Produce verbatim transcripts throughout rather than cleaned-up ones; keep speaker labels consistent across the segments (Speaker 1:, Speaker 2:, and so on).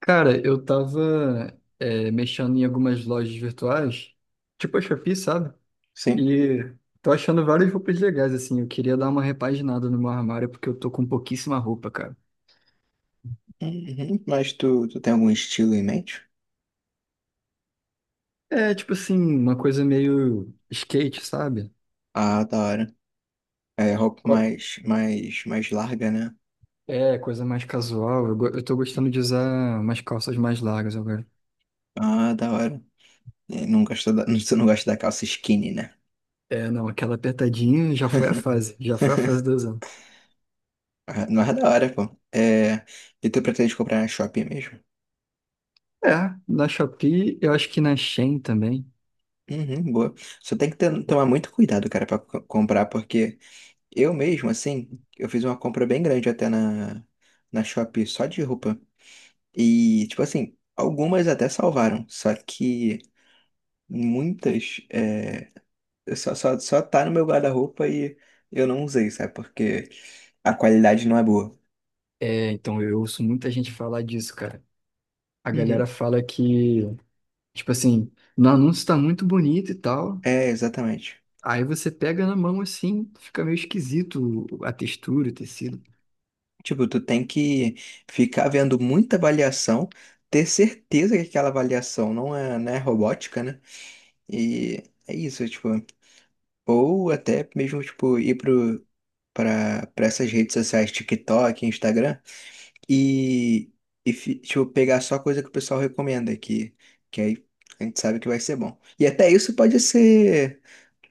Speaker 1: Cara, eu tava é, mexendo em algumas lojas virtuais, tipo a Shopee, sabe?
Speaker 2: Sim.
Speaker 1: E tô achando várias roupas legais, assim. Eu queria dar uma repaginada no meu armário, porque eu tô com pouquíssima roupa, cara.
Speaker 2: Uhum. Mas tu, tu tem algum estilo em mente?
Speaker 1: É, tipo assim, uma coisa meio skate, sabe?
Speaker 2: Ah, da hora. É roupa
Speaker 1: Co-
Speaker 2: mais, mais, mais larga, né?
Speaker 1: É, coisa mais casual. Eu, go- eu tô gostando de usar umas calças mais largas agora.
Speaker 2: Ah, da hora. E Não gosta da, Tu não gosta da calça skinny, né?
Speaker 1: É, não, aquela apertadinha já foi a fase, já foi a fase do usando.
Speaker 2: Ah, não é da hora, pô. É, e tu pretende comprar na Shopee mesmo?
Speaker 1: É, na Shopee, eu acho que na Shein também.
Speaker 2: Uhum, boa. Só tem que ter- tomar muito cuidado, cara, pra co- comprar, porque eu mesmo, assim, eu fiz uma compra bem grande até na, na Shopee só de roupa. E, tipo assim, algumas até salvaram, só que muitas é, só, só, só tá no meu guarda-roupa e eu não usei, sabe? Porque a qualidade não é boa.
Speaker 1: É, então eu ouço muita gente falar disso, cara. A
Speaker 2: Uhum.
Speaker 1: galera fala que, tipo assim, no anúncio tá muito bonito e tal.
Speaker 2: É, exatamente.
Speaker 1: Aí você pega na mão assim, fica meio esquisito a textura, o tecido.
Speaker 2: Tipo, tu tem que ficar vendo muita avaliação, ter certeza que aquela avaliação não é, né robótica, né? E é isso, tipo, ou até mesmo, tipo, ir pro, pra, pra essas redes sociais, TikTok, Instagram. E, e fi- deixa eu pegar só coisa que o pessoal recomenda aqui, que aí a gente sabe que vai ser bom. E até isso pode ser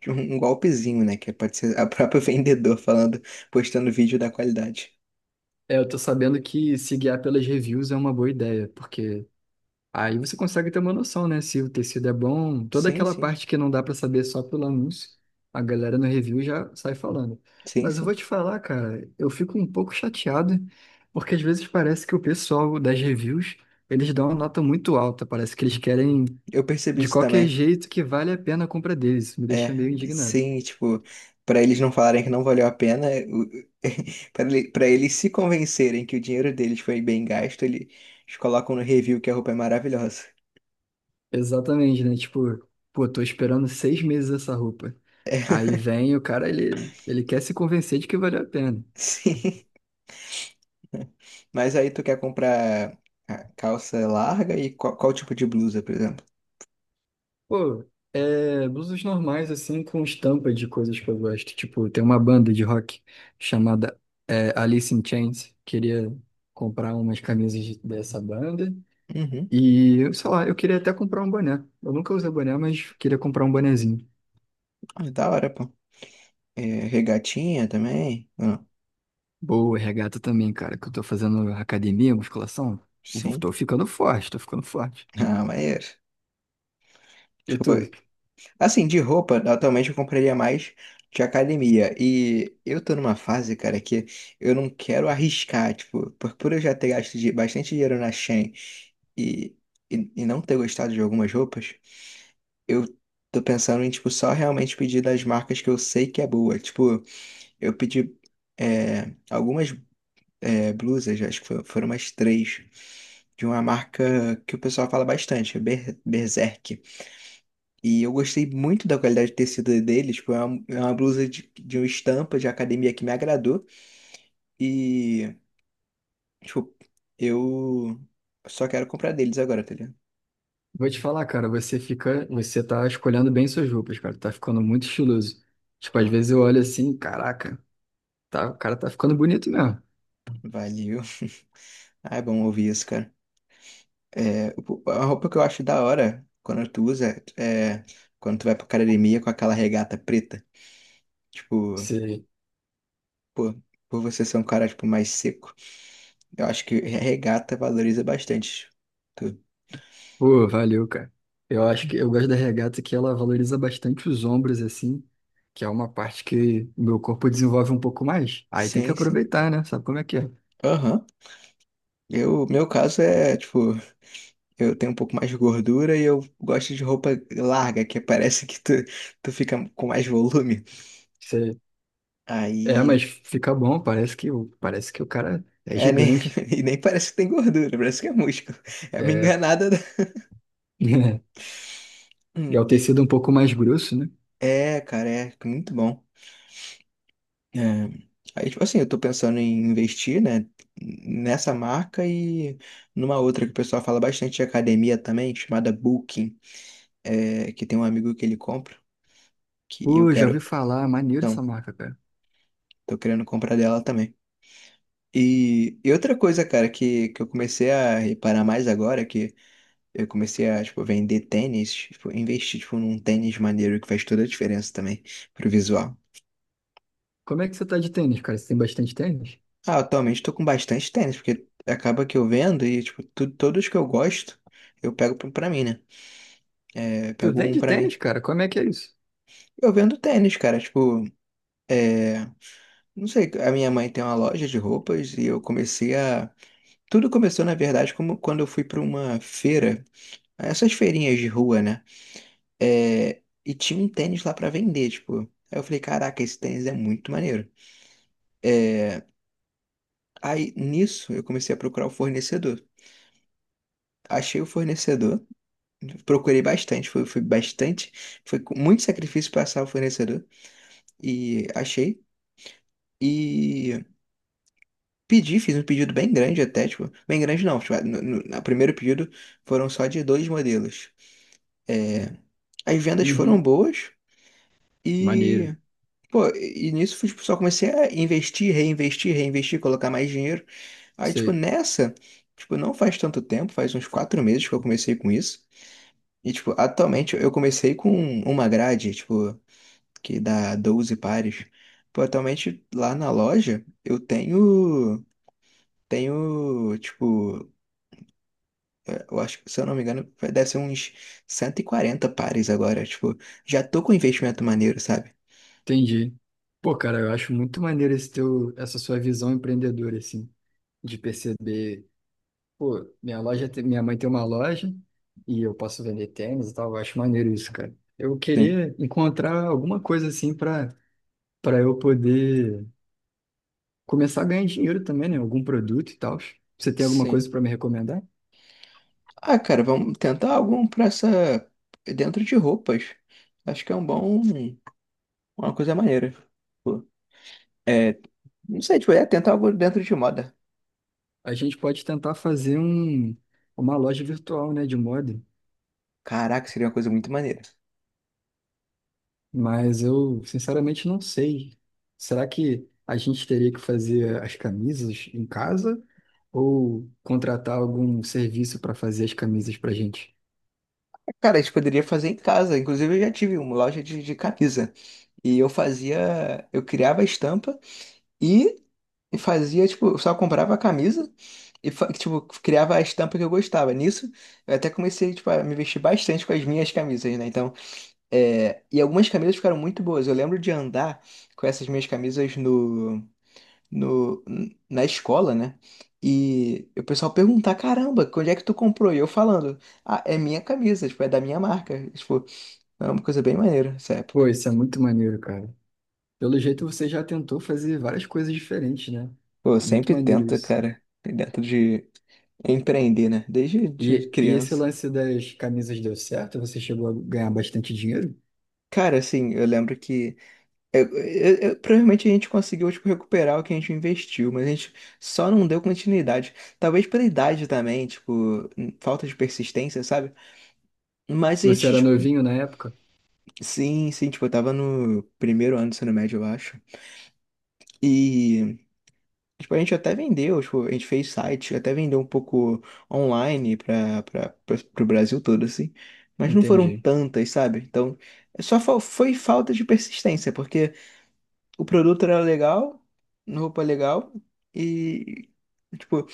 Speaker 2: um um golpezinho, né? Que é, pode ser a própria vendedor falando, postando vídeo da qualidade.
Speaker 1: É, eu tô sabendo que se guiar pelas reviews é uma boa ideia, porque aí você consegue ter uma noção, né? Se o tecido é bom, toda
Speaker 2: Sim,
Speaker 1: aquela
Speaker 2: sim,
Speaker 1: parte que não dá pra saber só pelo anúncio, a galera no review já sai falando.
Speaker 2: sim,
Speaker 1: Mas eu vou
Speaker 2: sim.
Speaker 1: te falar, cara, eu fico um pouco chateado, porque às vezes parece que o pessoal das reviews eles dão uma nota muito alta, parece que eles querem
Speaker 2: Eu percebi
Speaker 1: de
Speaker 2: isso
Speaker 1: qualquer
Speaker 2: também.
Speaker 1: jeito que vale a pena a compra deles. Isso me deixa
Speaker 2: É,
Speaker 1: meio indignado.
Speaker 2: sim, tipo, para eles não falarem que não valeu a pena, para eles se convencerem que o dinheiro deles foi bem gasto, eles colocam no review que a roupa é maravilhosa.
Speaker 1: Exatamente, né? Tipo, pô, tô esperando seis meses essa roupa. Aí vem o cara, ele, ele quer se convencer de que valeu a pena.
Speaker 2: Sim. Mas aí tu quer comprar a calça larga e qual, qual tipo de blusa, por exemplo?
Speaker 1: Pô, é blusas normais, assim, com estampa de coisas que eu gosto. Tipo, tem uma banda de rock chamada é, Alice in Chains. Queria comprar umas camisas de- dessa banda.
Speaker 2: Uhum.
Speaker 1: E, sei lá, eu queria até comprar um boné. Eu nunca usei boné, mas queria comprar um bonezinho.
Speaker 2: Ah, da hora, pô. É, regatinha também? Ah,
Speaker 1: Boa, regata também, cara, que eu tô fazendo academia, musculação. eu vou-
Speaker 2: sim.
Speaker 1: Tô ficando forte, tô ficando forte.
Speaker 2: Ah, maneiro.
Speaker 1: E
Speaker 2: Tipo,
Speaker 1: tu?
Speaker 2: assim, de roupa, atualmente eu compraria mais de academia. E eu tô numa fase, cara, que eu não quero arriscar, tipo, por, por eu já ter gasto de, bastante dinheiro na Shein e, e, e não ter gostado de algumas roupas, eu tô pensando em, tipo, só realmente pedir das marcas que eu sei que é boa. Tipo, eu pedi é, algumas é, blusas, acho que fo- foram umas três, de uma marca que o pessoal fala bastante, Ber- Berserk. E eu gostei muito da qualidade de tecido deles, tipo, é uma, é uma blusa de, de uma estampa de academia que me agradou. E, tipo, eu só quero comprar deles agora, tá ligado?
Speaker 1: Vou te falar, cara, você fica, você tá escolhendo bem suas roupas, cara, tá ficando muito estiloso. Tipo, às
Speaker 2: Ah,
Speaker 1: vezes eu olho assim, caraca, tá, o cara tá ficando bonito mesmo.
Speaker 2: valeu. Ah, é bom ouvir isso, cara. É, o- a roupa que eu acho da hora quando tu usa é quando tu vai pra academia com aquela regata preta. Tipo.
Speaker 1: Sei.
Speaker 2: Pô, por você ser um cara, tipo, mais seco. Eu acho que regata valoriza bastante. Tu.
Speaker 1: Pô, valeu, cara. Eu acho que eu gosto da regata que ela valoriza bastante os ombros, assim, que é uma parte que o meu corpo desenvolve um pouco mais. Aí tem que
Speaker 2: Sim, sim.
Speaker 1: aproveitar, né? Sabe como é que
Speaker 2: Aham. Eu, meu caso é, tipo, eu tenho um pouco mais de gordura e eu gosto de roupa larga, que parece que tu, tu fica com mais volume.
Speaker 1: é? É,
Speaker 2: Aí,
Speaker 1: mas
Speaker 2: eu-
Speaker 1: fica bom, parece que, o- parece que o cara é
Speaker 2: é, nem,
Speaker 1: gigante.
Speaker 2: e nem parece que tem gordura, parece que é músculo. É uma
Speaker 1: É,
Speaker 2: enganada. da-
Speaker 1: e é
Speaker 2: Hum,
Speaker 1: o
Speaker 2: e-
Speaker 1: tecido um pouco mais grosso, né?
Speaker 2: é, Cara, é muito bom. É, aí, tipo assim, eu tô pensando em investir, né, nessa marca e numa outra que o pessoal fala bastante de academia também, chamada Booking, é, que tem um amigo que ele compra, que eu
Speaker 1: Pô, já ouvi
Speaker 2: quero,
Speaker 1: falar, maneiro essa
Speaker 2: então,
Speaker 1: marca, cara.
Speaker 2: tô querendo comprar dela também. E, e outra coisa, cara, que, que eu comecei a reparar mais agora, que eu comecei a, tipo, vender tênis, tipo, investir, tipo, num tênis maneiro que faz toda a diferença também pro visual.
Speaker 1: Como é que você tá de tênis, cara? Você tem bastante tênis?
Speaker 2: Ah, atualmente tô com bastante tênis, porque acaba que eu vendo e, tipo, tu- todos que eu gosto, eu pego pra pra mim, né? É,
Speaker 1: Tu
Speaker 2: pego um
Speaker 1: vende
Speaker 2: pra mim.
Speaker 1: tênis, cara? Como é que é isso?
Speaker 2: Eu vendo tênis, cara, tipo, é, não sei, a minha mãe tem uma loja de roupas e eu comecei a... Tudo começou, na verdade, como quando eu fui pra uma feira, essas feirinhas de rua, né? É, e tinha um tênis lá pra vender, tipo. Aí eu falei, caraca, esse tênis é muito maneiro. Aí, nisso, eu comecei a procurar o fornecedor. Achei o fornecedor. Procurei bastante, foi, foi, bastante, foi com muito sacrifício para achar o fornecedor e achei. E pedi, fiz um pedido bem grande até, tipo, bem grande não, tipo, no, no- no primeiro pedido foram só de dois modelos. É, as vendas foram
Speaker 1: Uhum.
Speaker 2: boas
Speaker 1: Maneiro.
Speaker 2: e, pô, e nisso tipo, só comecei a investir, reinvestir, reinvestir, colocar mais dinheiro. Aí, tipo,
Speaker 1: Sei,
Speaker 2: nessa, tipo, não faz tanto tempo, faz uns quatro meses que eu comecei com isso. E, tipo, atualmente eu comecei com uma grade, tipo, que dá doze pares. Pô, atualmente lá na loja eu tenho, tenho, tipo, eh, eu acho que, se eu não me engano, deve ser uns cento e quarenta pares agora. Tipo, já tô com um investimento maneiro, sabe?
Speaker 1: entendi. Pô, cara, eu acho muito maneiro esse teu, essa sua visão empreendedora, assim, de perceber. Pô, minha loja, tem- minha mãe tem uma loja e eu posso vender tênis e tal. Eu acho maneiro isso, cara. Eu
Speaker 2: Sim.
Speaker 1: queria encontrar alguma coisa assim pra para eu poder começar a ganhar dinheiro também, né? Algum produto e tal. Você tem alguma
Speaker 2: Sim.
Speaker 1: coisa pra me recomendar?
Speaker 2: Ah, cara, vamos tentar algum pra essa. Dentro de roupas. Acho que é um bom. Uma coisa maneira. Pô, É, não sei, tipo, é tentar algo dentro de moda.
Speaker 1: A gente pode tentar fazer um uma loja virtual, né, de moda,
Speaker 2: Caraca, seria uma coisa muito maneira.
Speaker 1: mas eu sinceramente não sei. Será que a gente teria que fazer as camisas em casa ou contratar algum serviço para fazer as camisas pra gente?
Speaker 2: Cara, a gente poderia fazer em casa. Inclusive, eu já tive uma loja de, de camisa. E eu fazia. Eu criava a estampa e fazia, tipo, eu só comprava a camisa e, fa- tipo, criava a estampa que eu gostava. Nisso, eu até comecei, tipo, a me vestir bastante com as minhas camisas, né? Então, é... e algumas camisas ficaram muito boas. Eu lembro de andar com essas minhas camisas no, no, na escola, né? E o pessoal perguntar, caramba, onde é que tu comprou? E eu falando, ah, é minha camisa, tipo, é da minha marca. Tipo, é uma coisa bem maneira essa época.
Speaker 1: Pô, isso é muito maneiro, cara. Pelo jeito você já tentou fazer várias coisas diferentes, né?
Speaker 2: Pô, eu
Speaker 1: Muito
Speaker 2: sempre
Speaker 1: maneiro
Speaker 2: tento,
Speaker 1: isso.
Speaker 2: cara, dentro de empreender, né? Desde de
Speaker 1: E, e esse
Speaker 2: criança.
Speaker 1: lance das camisas deu certo? Você chegou a ganhar bastante dinheiro?
Speaker 2: Cara, assim, eu lembro que eu- eu- eu- provavelmente a gente conseguiu, tipo, recuperar o que a gente investiu, mas a gente só não deu continuidade. Talvez pela idade também, tipo, falta de persistência, sabe? Mas a
Speaker 1: Você
Speaker 2: gente,
Speaker 1: era
Speaker 2: tipo,
Speaker 1: novinho na época?
Speaker 2: sim, sim, tipo, eu tava no primeiro ano do ensino médio, eu acho. E tipo, a gente até vendeu, tipo, a gente fez site, até vendeu um pouco online para para o Brasil todo, assim. Mas não foram
Speaker 1: Entendi.
Speaker 2: tantas, sabe? Então, é só fal- foi falta de persistência, porque o produto era legal, roupa legal, e, tipo,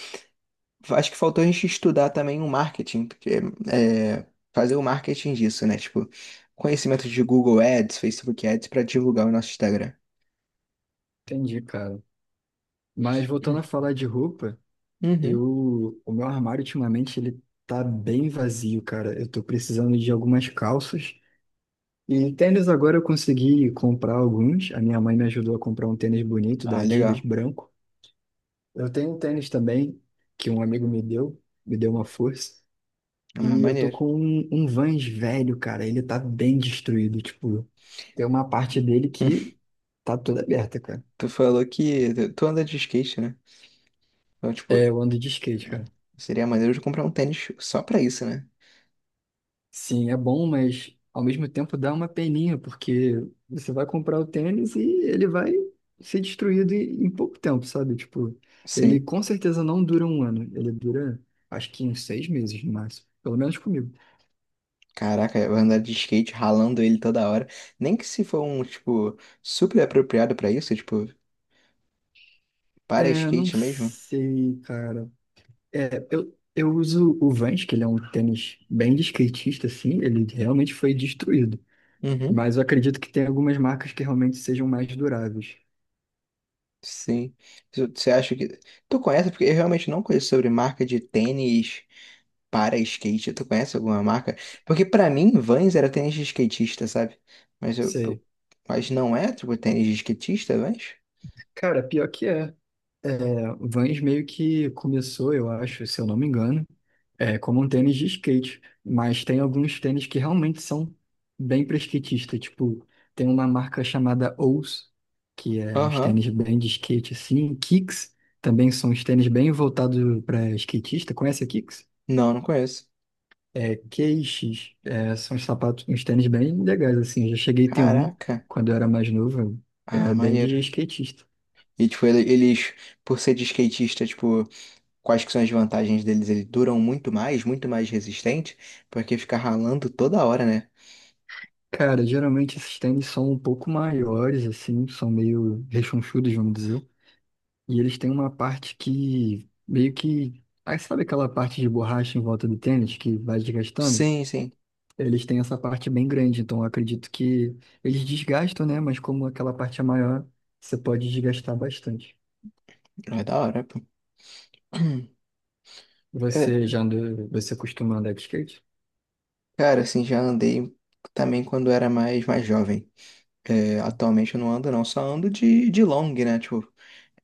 Speaker 2: acho que faltou a gente estudar também o marketing, porque é, fazer o marketing disso, né? Tipo, conhecimento de Google Ads, Facebook Ads, para divulgar o nosso Instagram.
Speaker 1: Entendi, cara. Mas voltando a falar de roupa,
Speaker 2: Uhum.
Speaker 1: eu, o meu armário ultimamente ele tá bem vazio, cara. Eu tô precisando de algumas calças. E tênis agora eu consegui comprar alguns. A minha mãe me ajudou a comprar um tênis bonito da
Speaker 2: Ah,
Speaker 1: Adidas,
Speaker 2: legal.
Speaker 1: branco. Eu tenho um tênis também, que um amigo me deu, me deu uma força.
Speaker 2: Ah,
Speaker 1: E eu tô
Speaker 2: maneiro.
Speaker 1: com um, um Vans velho, cara. Ele tá bem destruído. Tipo, tem uma parte dele que tá toda aberta, cara.
Speaker 2: Tu falou que tu tu anda de skate, né? Então, tipo,
Speaker 1: É, eu ando de skate, cara.
Speaker 2: seria maneiro de comprar um tênis só pra isso, né?
Speaker 1: Sim, é bom, mas ao mesmo tempo dá uma peninha, porque você vai comprar o tênis e ele vai ser destruído em em pouco tempo, sabe? Tipo, ele
Speaker 2: Sim.
Speaker 1: com certeza não dura um ano. Ele dura, acho que uns seis meses no máximo. Pelo menos comigo.
Speaker 2: Caraca, vai andar de skate ralando ele toda hora. Nem que se for um, tipo, super apropriado pra isso, tipo, para
Speaker 1: É, não
Speaker 2: skate mesmo.
Speaker 1: sei, cara. É, eu, eu uso o Vans, que ele é um tênis bem de skatista, assim, ele realmente foi destruído.
Speaker 2: Uhum.
Speaker 1: Mas eu acredito que tem algumas marcas que realmente sejam mais duráveis.
Speaker 2: Sim. Tu- Você acha que. Tu conhece? Porque eu realmente não conheço sobre marca de tênis para skate. Tu conhece alguma marca? Porque pra mim, Vans era tênis de skatista, sabe? Mas eu. eu-
Speaker 1: Sei.
Speaker 2: Mas não é, tipo, tênis de skatista, Vans?
Speaker 1: Cara, pior que é. É, Vans meio que começou, eu acho, se eu não me engano, é, como um tênis de skate, mas tem alguns tênis que realmente são bem para skatista, tipo, tem uma marca chamada Ous, que é uns
Speaker 2: Aham.
Speaker 1: tênis bem de skate assim, Kicks também são uns tênis bem voltados para skatista, conhece a Kicks?
Speaker 2: Não, não conheço.
Speaker 1: É, Q X, é, são uns sapatos, uns tênis bem legais assim, eu já cheguei a ter um
Speaker 2: Caraca.
Speaker 1: quando eu era mais novo,
Speaker 2: Ah,
Speaker 1: era bem
Speaker 2: maneiro.
Speaker 1: de skatista.
Speaker 2: E, tipo, ele- eles, por ser de skatista, tipo, quais que são as vantagens deles? Eles duram muito mais, muito mais resistente, porque fica ralando toda hora, né?
Speaker 1: Cara, geralmente esses tênis são um pouco maiores, assim, são meio rechonchudos, vamos dizer. E eles têm uma parte que meio que. Aí sabe aquela parte de borracha em volta do tênis que vai desgastando?
Speaker 2: Sim, sim.
Speaker 1: Eles têm essa parte bem grande, então eu acredito que eles desgastam, né? Mas como aquela parte é maior, você pode desgastar bastante.
Speaker 2: É da hora, pô. É,
Speaker 1: Você já andou, você costuma andar de skate?
Speaker 2: cara, assim, já andei também quando era mais, mais jovem. É, atualmente eu não ando, não. Só ando de, de long, né? Tipo,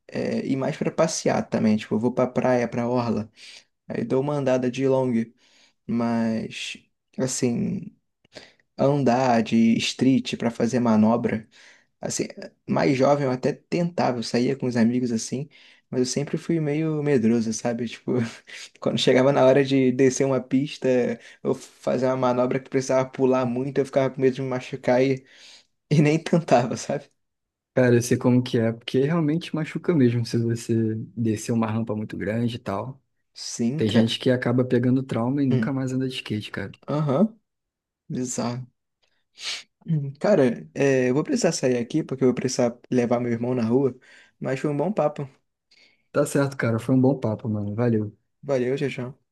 Speaker 2: é, e mais pra passear também. Tipo, eu vou pra praia, pra orla. Aí dou uma andada de long. Mas, assim, andar de street pra fazer manobra. Assim, mais jovem eu até tentava, eu saía com os amigos assim, mas eu sempre fui meio medroso, sabe? Tipo, quando chegava na hora de descer uma pista ou fazer uma manobra que precisava pular muito, eu ficava com medo de me machucar e, e nem tentava, sabe?
Speaker 1: Cara, eu sei como que é, porque realmente machuca mesmo se você descer uma rampa muito grande e tal.
Speaker 2: Sim,
Speaker 1: Tem
Speaker 2: cara.
Speaker 1: gente que acaba pegando trauma e
Speaker 2: Hum,
Speaker 1: nunca mais anda de skate, cara.
Speaker 2: Aham, bizarro. Hum, Cara, é, eu vou precisar sair aqui porque eu vou precisar levar meu irmão na rua, mas foi um bom papo.
Speaker 1: Tá certo, cara. Foi um bom papo, mano. Valeu.
Speaker 2: Valeu, tchau, tchau.